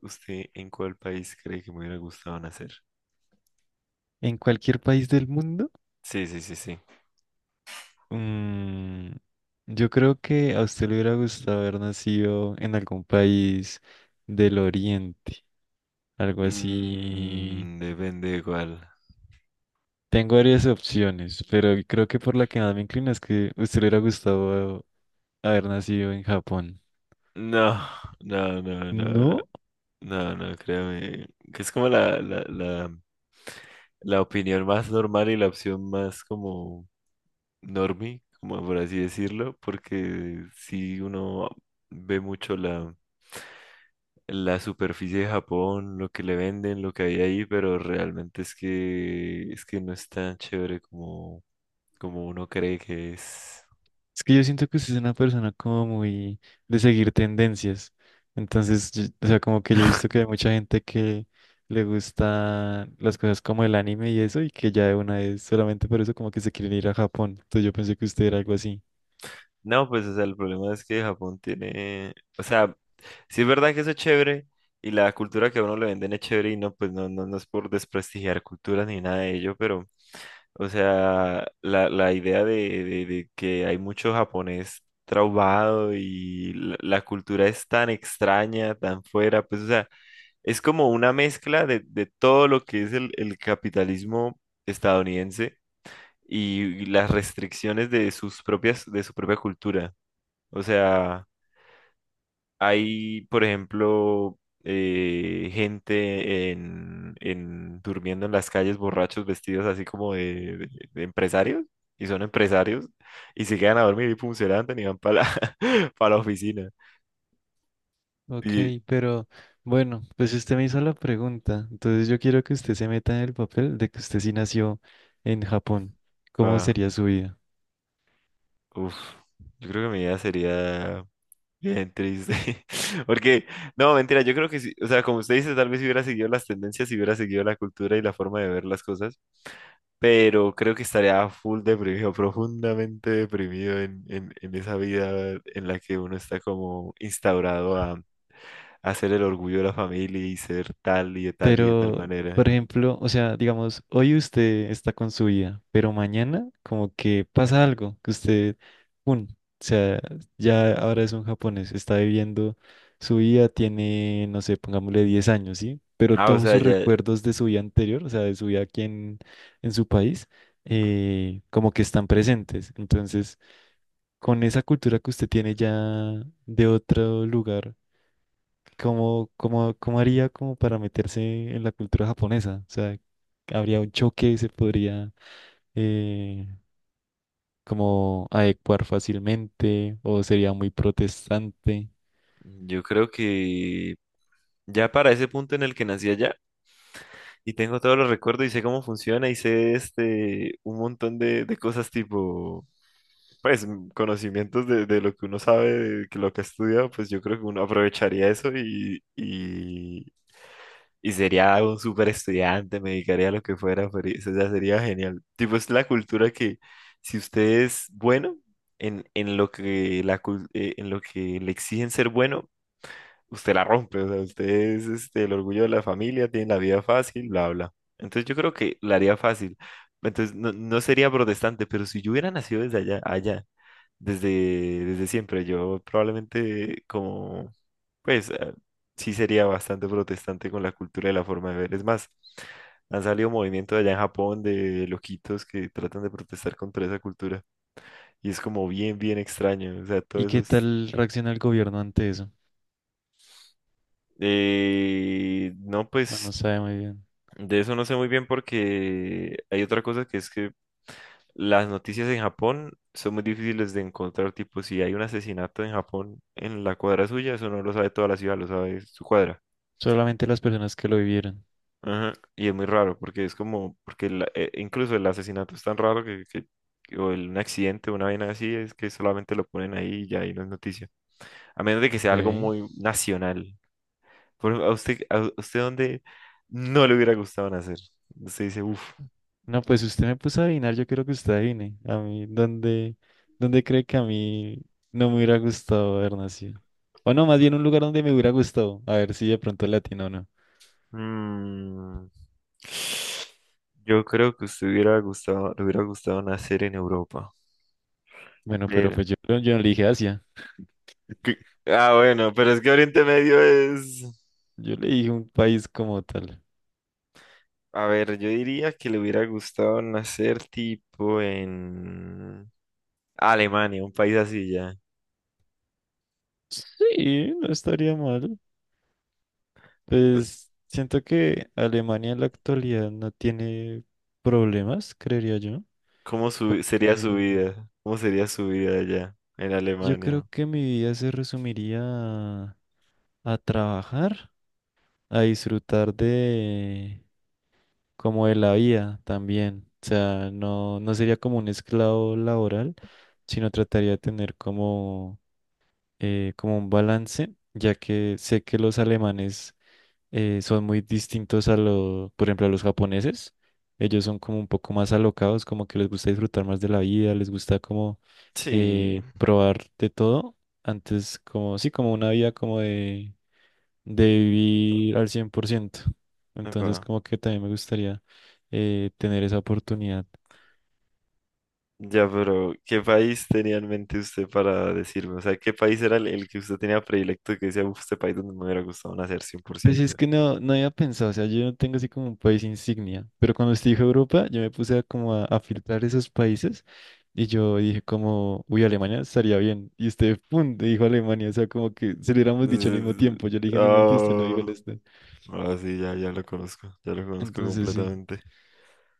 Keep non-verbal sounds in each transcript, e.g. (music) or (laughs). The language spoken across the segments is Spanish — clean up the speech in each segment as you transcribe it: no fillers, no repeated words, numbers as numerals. ¿Usted en cuál país cree que me hubiera gustado nacer? En cualquier país del mundo, Sí, sí, sí, sí. mm, yo creo que a usted le hubiera gustado haber nacido en algún país del Oriente, algo así. Mm, depende de cuál. Tengo varias opciones, pero creo que por la que más me inclino es que a usted le hubiera gustado haber nacido en Japón. No, no, no, no, no, ¿No? no, no, créame. Que es como la opinión más normal y la opción más como normie, como por así decirlo, porque si uno ve mucho la superficie de Japón, lo que le venden, lo que hay ahí, pero realmente es que no es tan chévere como... como uno cree que es. Es que yo siento que usted es una persona como muy de seguir tendencias. Entonces, o sea, como que yo he visto que hay (laughs) mucha gente que le gusta las cosas como el anime y eso, y que ya de una vez solamente por eso como que se quieren ir a Japón. Entonces yo pensé que usted era algo así. No, pues, o sea, el problema es que Japón tiene, o sea, sí es verdad que eso es chévere y la cultura que a uno le venden es chévere y no, pues no, no, no es por desprestigiar culturas ni nada de ello, pero, o sea, la idea de que hay mucho japonés traubado y la cultura es tan extraña, tan fuera, pues, o sea, es como una mezcla de todo lo que es el capitalismo estadounidense y las restricciones de su propia cultura. O sea, hay, por ejemplo, gente durmiendo en las calles borrachos vestidos así como de empresarios, y son empresarios, y se quedan a dormir y pum, se levantan y van para la, (laughs) pa la oficina. Ok, Y, pero bueno, pues usted me hizo la pregunta. Entonces yo quiero que usted se meta en el papel de que usted sí nació en Japón. ¿Cómo ah, sería su vida? uf, yo creo que mi idea sería bien triste. (laughs) Porque, no, mentira, yo creo que sí, o sea, como usted dice, tal vez si hubiera seguido las tendencias, si hubiera seguido la cultura y la forma de ver las cosas, pero creo que estaría full deprimido, (laughs) profundamente deprimido en esa vida en la que uno está como instaurado a ser el orgullo de la familia y ser tal y de tal y de tal Pero, manera. por ejemplo, o sea, digamos, hoy usted está con su vida, pero mañana como que pasa algo, que usted, o sea, ya ahora es un japonés, está viviendo su vida, tiene, no sé, pongámosle 10 años, ¿sí? Pero Ah, o todos sea, sus ya, recuerdos de su vida anterior, o sea, de su vida aquí en su país, como que están presentes. Entonces, con esa cultura que usted tiene ya de otro lugar, ¿cómo, cómo haría como para meterse en la cultura japonesa? O sea, habría un choque y se podría eh, como adecuar fácilmente o sería muy protestante. yo creo que ya para ese punto en el que nací allá. Y tengo todos los recuerdos y sé cómo funciona y sé este un montón de cosas tipo, pues conocimientos de lo que uno sabe, de que lo que ha estudiado, pues yo creo que uno aprovecharía eso y sería un súper estudiante, me dedicaría a lo que fuera, pero eso ya sería genial. Tipo, es la cultura que si usted es bueno en lo que en lo que le exigen ser bueno, usted la rompe, o sea, usted es este, el orgullo de la familia, tiene la vida fácil, bla, bla. Entonces yo creo que la haría fácil. Entonces no, no sería protestante, pero si yo hubiera nacido desde allá, allá, desde siempre, yo probablemente como, pues sí sería bastante protestante con la cultura y la forma de ver. Es más, han salido movimientos allá en Japón de loquitos que tratan de protestar contra esa cultura. Y es como bien, bien extraño. O sea, todo ¿Y eso qué es... tal reacciona el gobierno ante eso? No, Bueno, pues no sabe muy bien. de eso no sé muy bien porque hay otra cosa que es que las noticias en Japón son muy difíciles de encontrar. Tipo, si hay un asesinato en Japón en la cuadra suya, eso no lo sabe toda la ciudad, lo sabe su cuadra. Solamente las personas que lo vivieron. Ajá. Y es muy raro porque es como, porque incluso el asesinato es tan raro o un accidente, una vaina así, es que solamente lo ponen ahí y ya y no es noticia. A menos de que sea algo Ok. muy nacional. Por ejemplo, a usted dónde no le hubiera gustado nacer? Usted dice, uff. No, pues usted me puso a adivinar, yo quiero que usted adivine. A mí, ¿dónde, dónde cree que a mí no me hubiera gustado haber nacido? O no, más bien un lugar donde me hubiera gustado. A ver si de pronto latino o no. Yo creo que usted hubiera gustado, le hubiera gustado nacer en Europa. Bueno, pero Pero, pues yo, yo no le dije Asia, ¿qué? Ah, bueno, pero es que Oriente Medio es... yo le dije un país como tal. A ver, yo diría que le hubiera gustado nacer tipo en Alemania, un país así ya. Sí, no estaría mal. Pues siento que Alemania en la actualidad no tiene problemas, creería yo. ¿Cómo sería su Que vida? ¿Cómo sería su vida allá en yo creo Alemania? que mi vida se resumiría a trabajar, a disfrutar de como de la vida también. O sea, no, no sería como un esclavo laboral, sino trataría de tener como como un balance, ya que sé que los alemanes son muy distintos a los, por ejemplo, a los japoneses. Ellos son como un poco más alocados, como que les gusta disfrutar más de la vida, les gusta como Sí, probar de todo. Antes, como, sí, como una vida como de vivir al cien por ciento. Entonces, epa. como que también me gustaría tener esa oportunidad. Ya, pero ¿qué país tenía en mente usted para decirme? O sea, ¿qué país era el que usted tenía predilecto que decía, "Uf, este país donde me hubiera gustado nacer Pues 100%"? es que no, no había pensado, o sea, yo no tengo así como un país insignia, pero cuando estuve en Europa, yo me puse a como a filtrar esos países y yo dije como, uy, Alemania estaría bien. Y usted, pum, dijo Alemania, o sea, como que se lo hubiéramos dicho al mismo Mm, tiempo. Yo le dije en mi mente y usted lo dijo ah, al este. ahora sí, ya, ya lo conozco Entonces sí, completamente.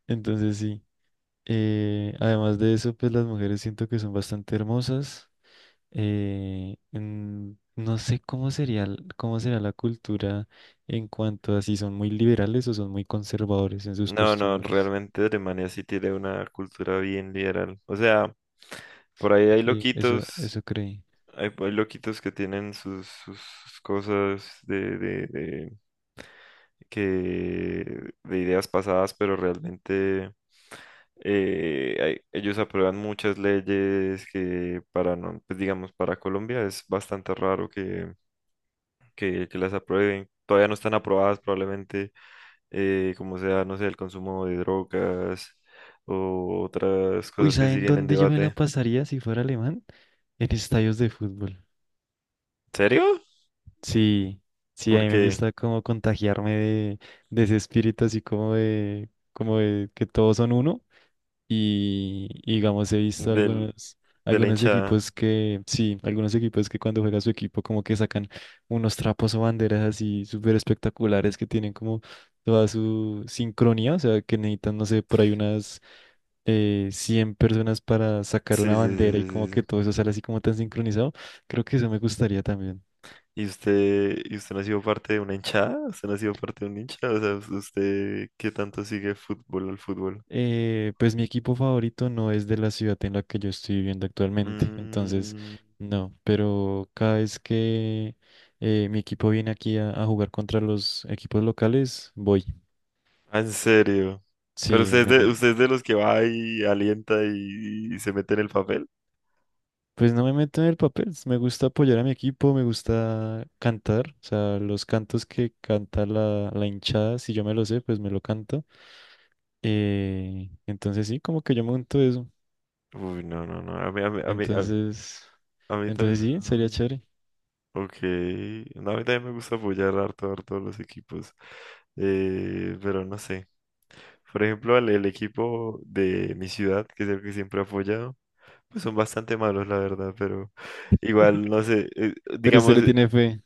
entonces sí. Además de eso, pues las mujeres siento que son bastante hermosas. No sé cómo sería, cómo será la cultura en cuanto a si son muy liberales o son muy conservadores en sus No, no, costumbres. realmente Alemania sí tiene una cultura bien liberal. O sea, por ahí hay Sí, eso, loquitos. eso creí. Hay loquitos que tienen sus cosas de ideas pasadas, pero realmente ellos aprueban muchas leyes que para, no, pues digamos, para Colombia es bastante raro que las aprueben. Todavía no están aprobadas probablemente, como sea, no sé, el consumo de drogas o otras Uy, cosas que ¿saben siguen en dónde yo me debate. la ¿En pasaría si fuera alemán? En estadios de fútbol. serio? Sí, sí, a mí me Porque gusta como contagiarme de ese espíritu así como de que todos son uno. Y digamos, he visto del, algunos, de la algunos hinchada. equipos que, sí, algunos equipos que cuando juega su equipo como que sacan unos trapos o banderas así súper espectaculares que tienen como toda su sincronía, o sea, que necesitan, no sé, por ahí unas 100 personas para sacar Sí, una sí, sí, bandera y como sí, sí, que sí. todo eso sale así como tan sincronizado. Creo que eso me gustaría también. Y usted no ha sido parte de una hinchada? ¿Usted no ha sido parte de un hincha? O sea, ¿usted qué tanto sigue fútbol al fútbol? Pues mi equipo favorito no es de la ciudad en la que yo estoy viviendo actualmente, entonces Mm, no, pero cada vez que mi equipo viene aquí a jugar contra los equipos locales, voy. ah, en serio. Pero Sí, usted es de los que va y alienta y se mete en el papel. pues no me meto en el papel, me gusta apoyar a mi equipo, me gusta cantar, o sea, los cantos que canta la, la hinchada, si yo me lo sé, pues me lo canto. Entonces sí, como que yo monto eso. Uy, no, no, no. A mí, a mí, a mí, Entonces, a mí entonces también. sí, sería Mm, chévere. ok. No, a mí también me gusta apoyar harto, harto a los equipos. Pero no sé. Por ejemplo, el equipo de mi ciudad, que es el que siempre he apoyado, pues son bastante malos, la verdad, pero igual, (laughs) no sé, Pero usted digamos, le tiene fe.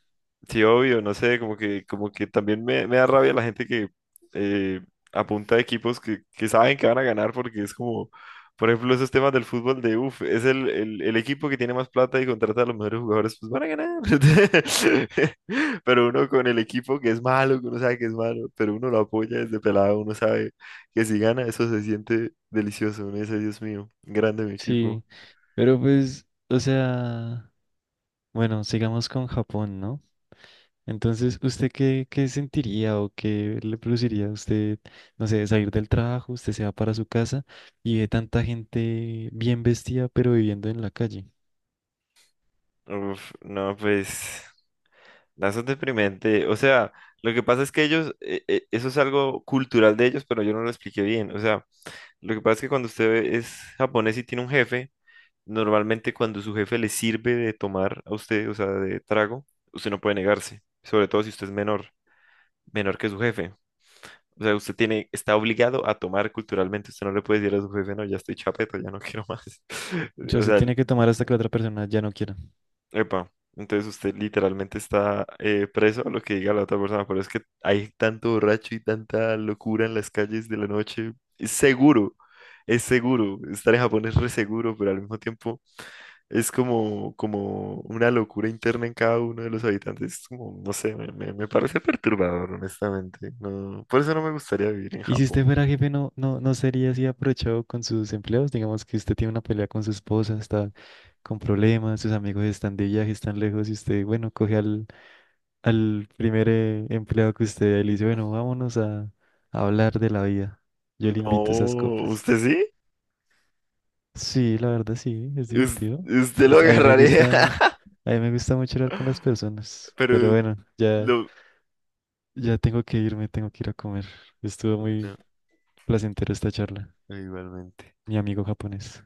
sí, obvio, no sé, como que también me da rabia la gente que eh, apunta a equipos que saben que van a ganar porque es como, por ejemplo, esos temas del fútbol de, uff, es el equipo que tiene más plata y contrata a los mejores jugadores, pues van a ganar. (laughs) Pero uno con el equipo que es malo, que uno sabe que es malo, pero uno lo apoya desde pelado, uno sabe que si gana eso se siente delicioso, uno dice, Dios mío, grande mi equipo. Sí, pero pues, o sea, bueno, sigamos con Japón, ¿no? Entonces, ¿usted qué, qué sentiría o qué le produciría a usted, no sé, salir del trabajo, usted se va para su casa y ve tanta gente bien vestida pero viviendo en la calle? Uf, no, pues... No, eso es deprimente. O sea, lo que pasa es que ellos, eso es algo cultural de ellos, pero yo no lo expliqué bien. O sea, lo que pasa es que cuando usted es japonés y tiene un jefe, normalmente cuando su jefe le sirve de tomar a usted, o sea, de trago, usted no puede negarse, sobre todo si usted es menor, menor que su jefe. O sea, usted tiene, está obligado a tomar culturalmente. Usted no le puede decir a su jefe, no, ya estoy chapeto, ya no quiero más. O (laughs) sea, O se sea, tiene que tomar hasta que la otra persona ya no quiera. epa, entonces usted literalmente está preso a lo que diga la otra persona, pero es que hay tanto borracho y tanta locura en las calles de la noche. Es seguro, es seguro. Estar en Japón es re seguro, pero al mismo tiempo es como, como una locura interna en cada uno de los habitantes. Es como, no sé, me parece perturbador, honestamente. No, por eso no me gustaría vivir en Y si usted Japón. fuera jefe, no, no, no sería así aprovechado con sus empleados. Digamos que usted tiene una pelea con su esposa, está con problemas, sus amigos están de viaje, están lejos y usted, bueno, coge al al primer empleado que usted vea y le dice, bueno, vámonos a hablar de la vida. Yo le invito esas No, copas. ¿usted sí? Sí, la verdad sí, es divertido. ¿Usted lo A mí me gusta, agarraría? (laughs) a mí me gusta mucho hablar con las personas. Pero Pero bueno, ya, lo... ya tengo que irme, tengo que ir a comer. Estuvo no. muy placentera esta charla, Igualmente. mi amigo japonés.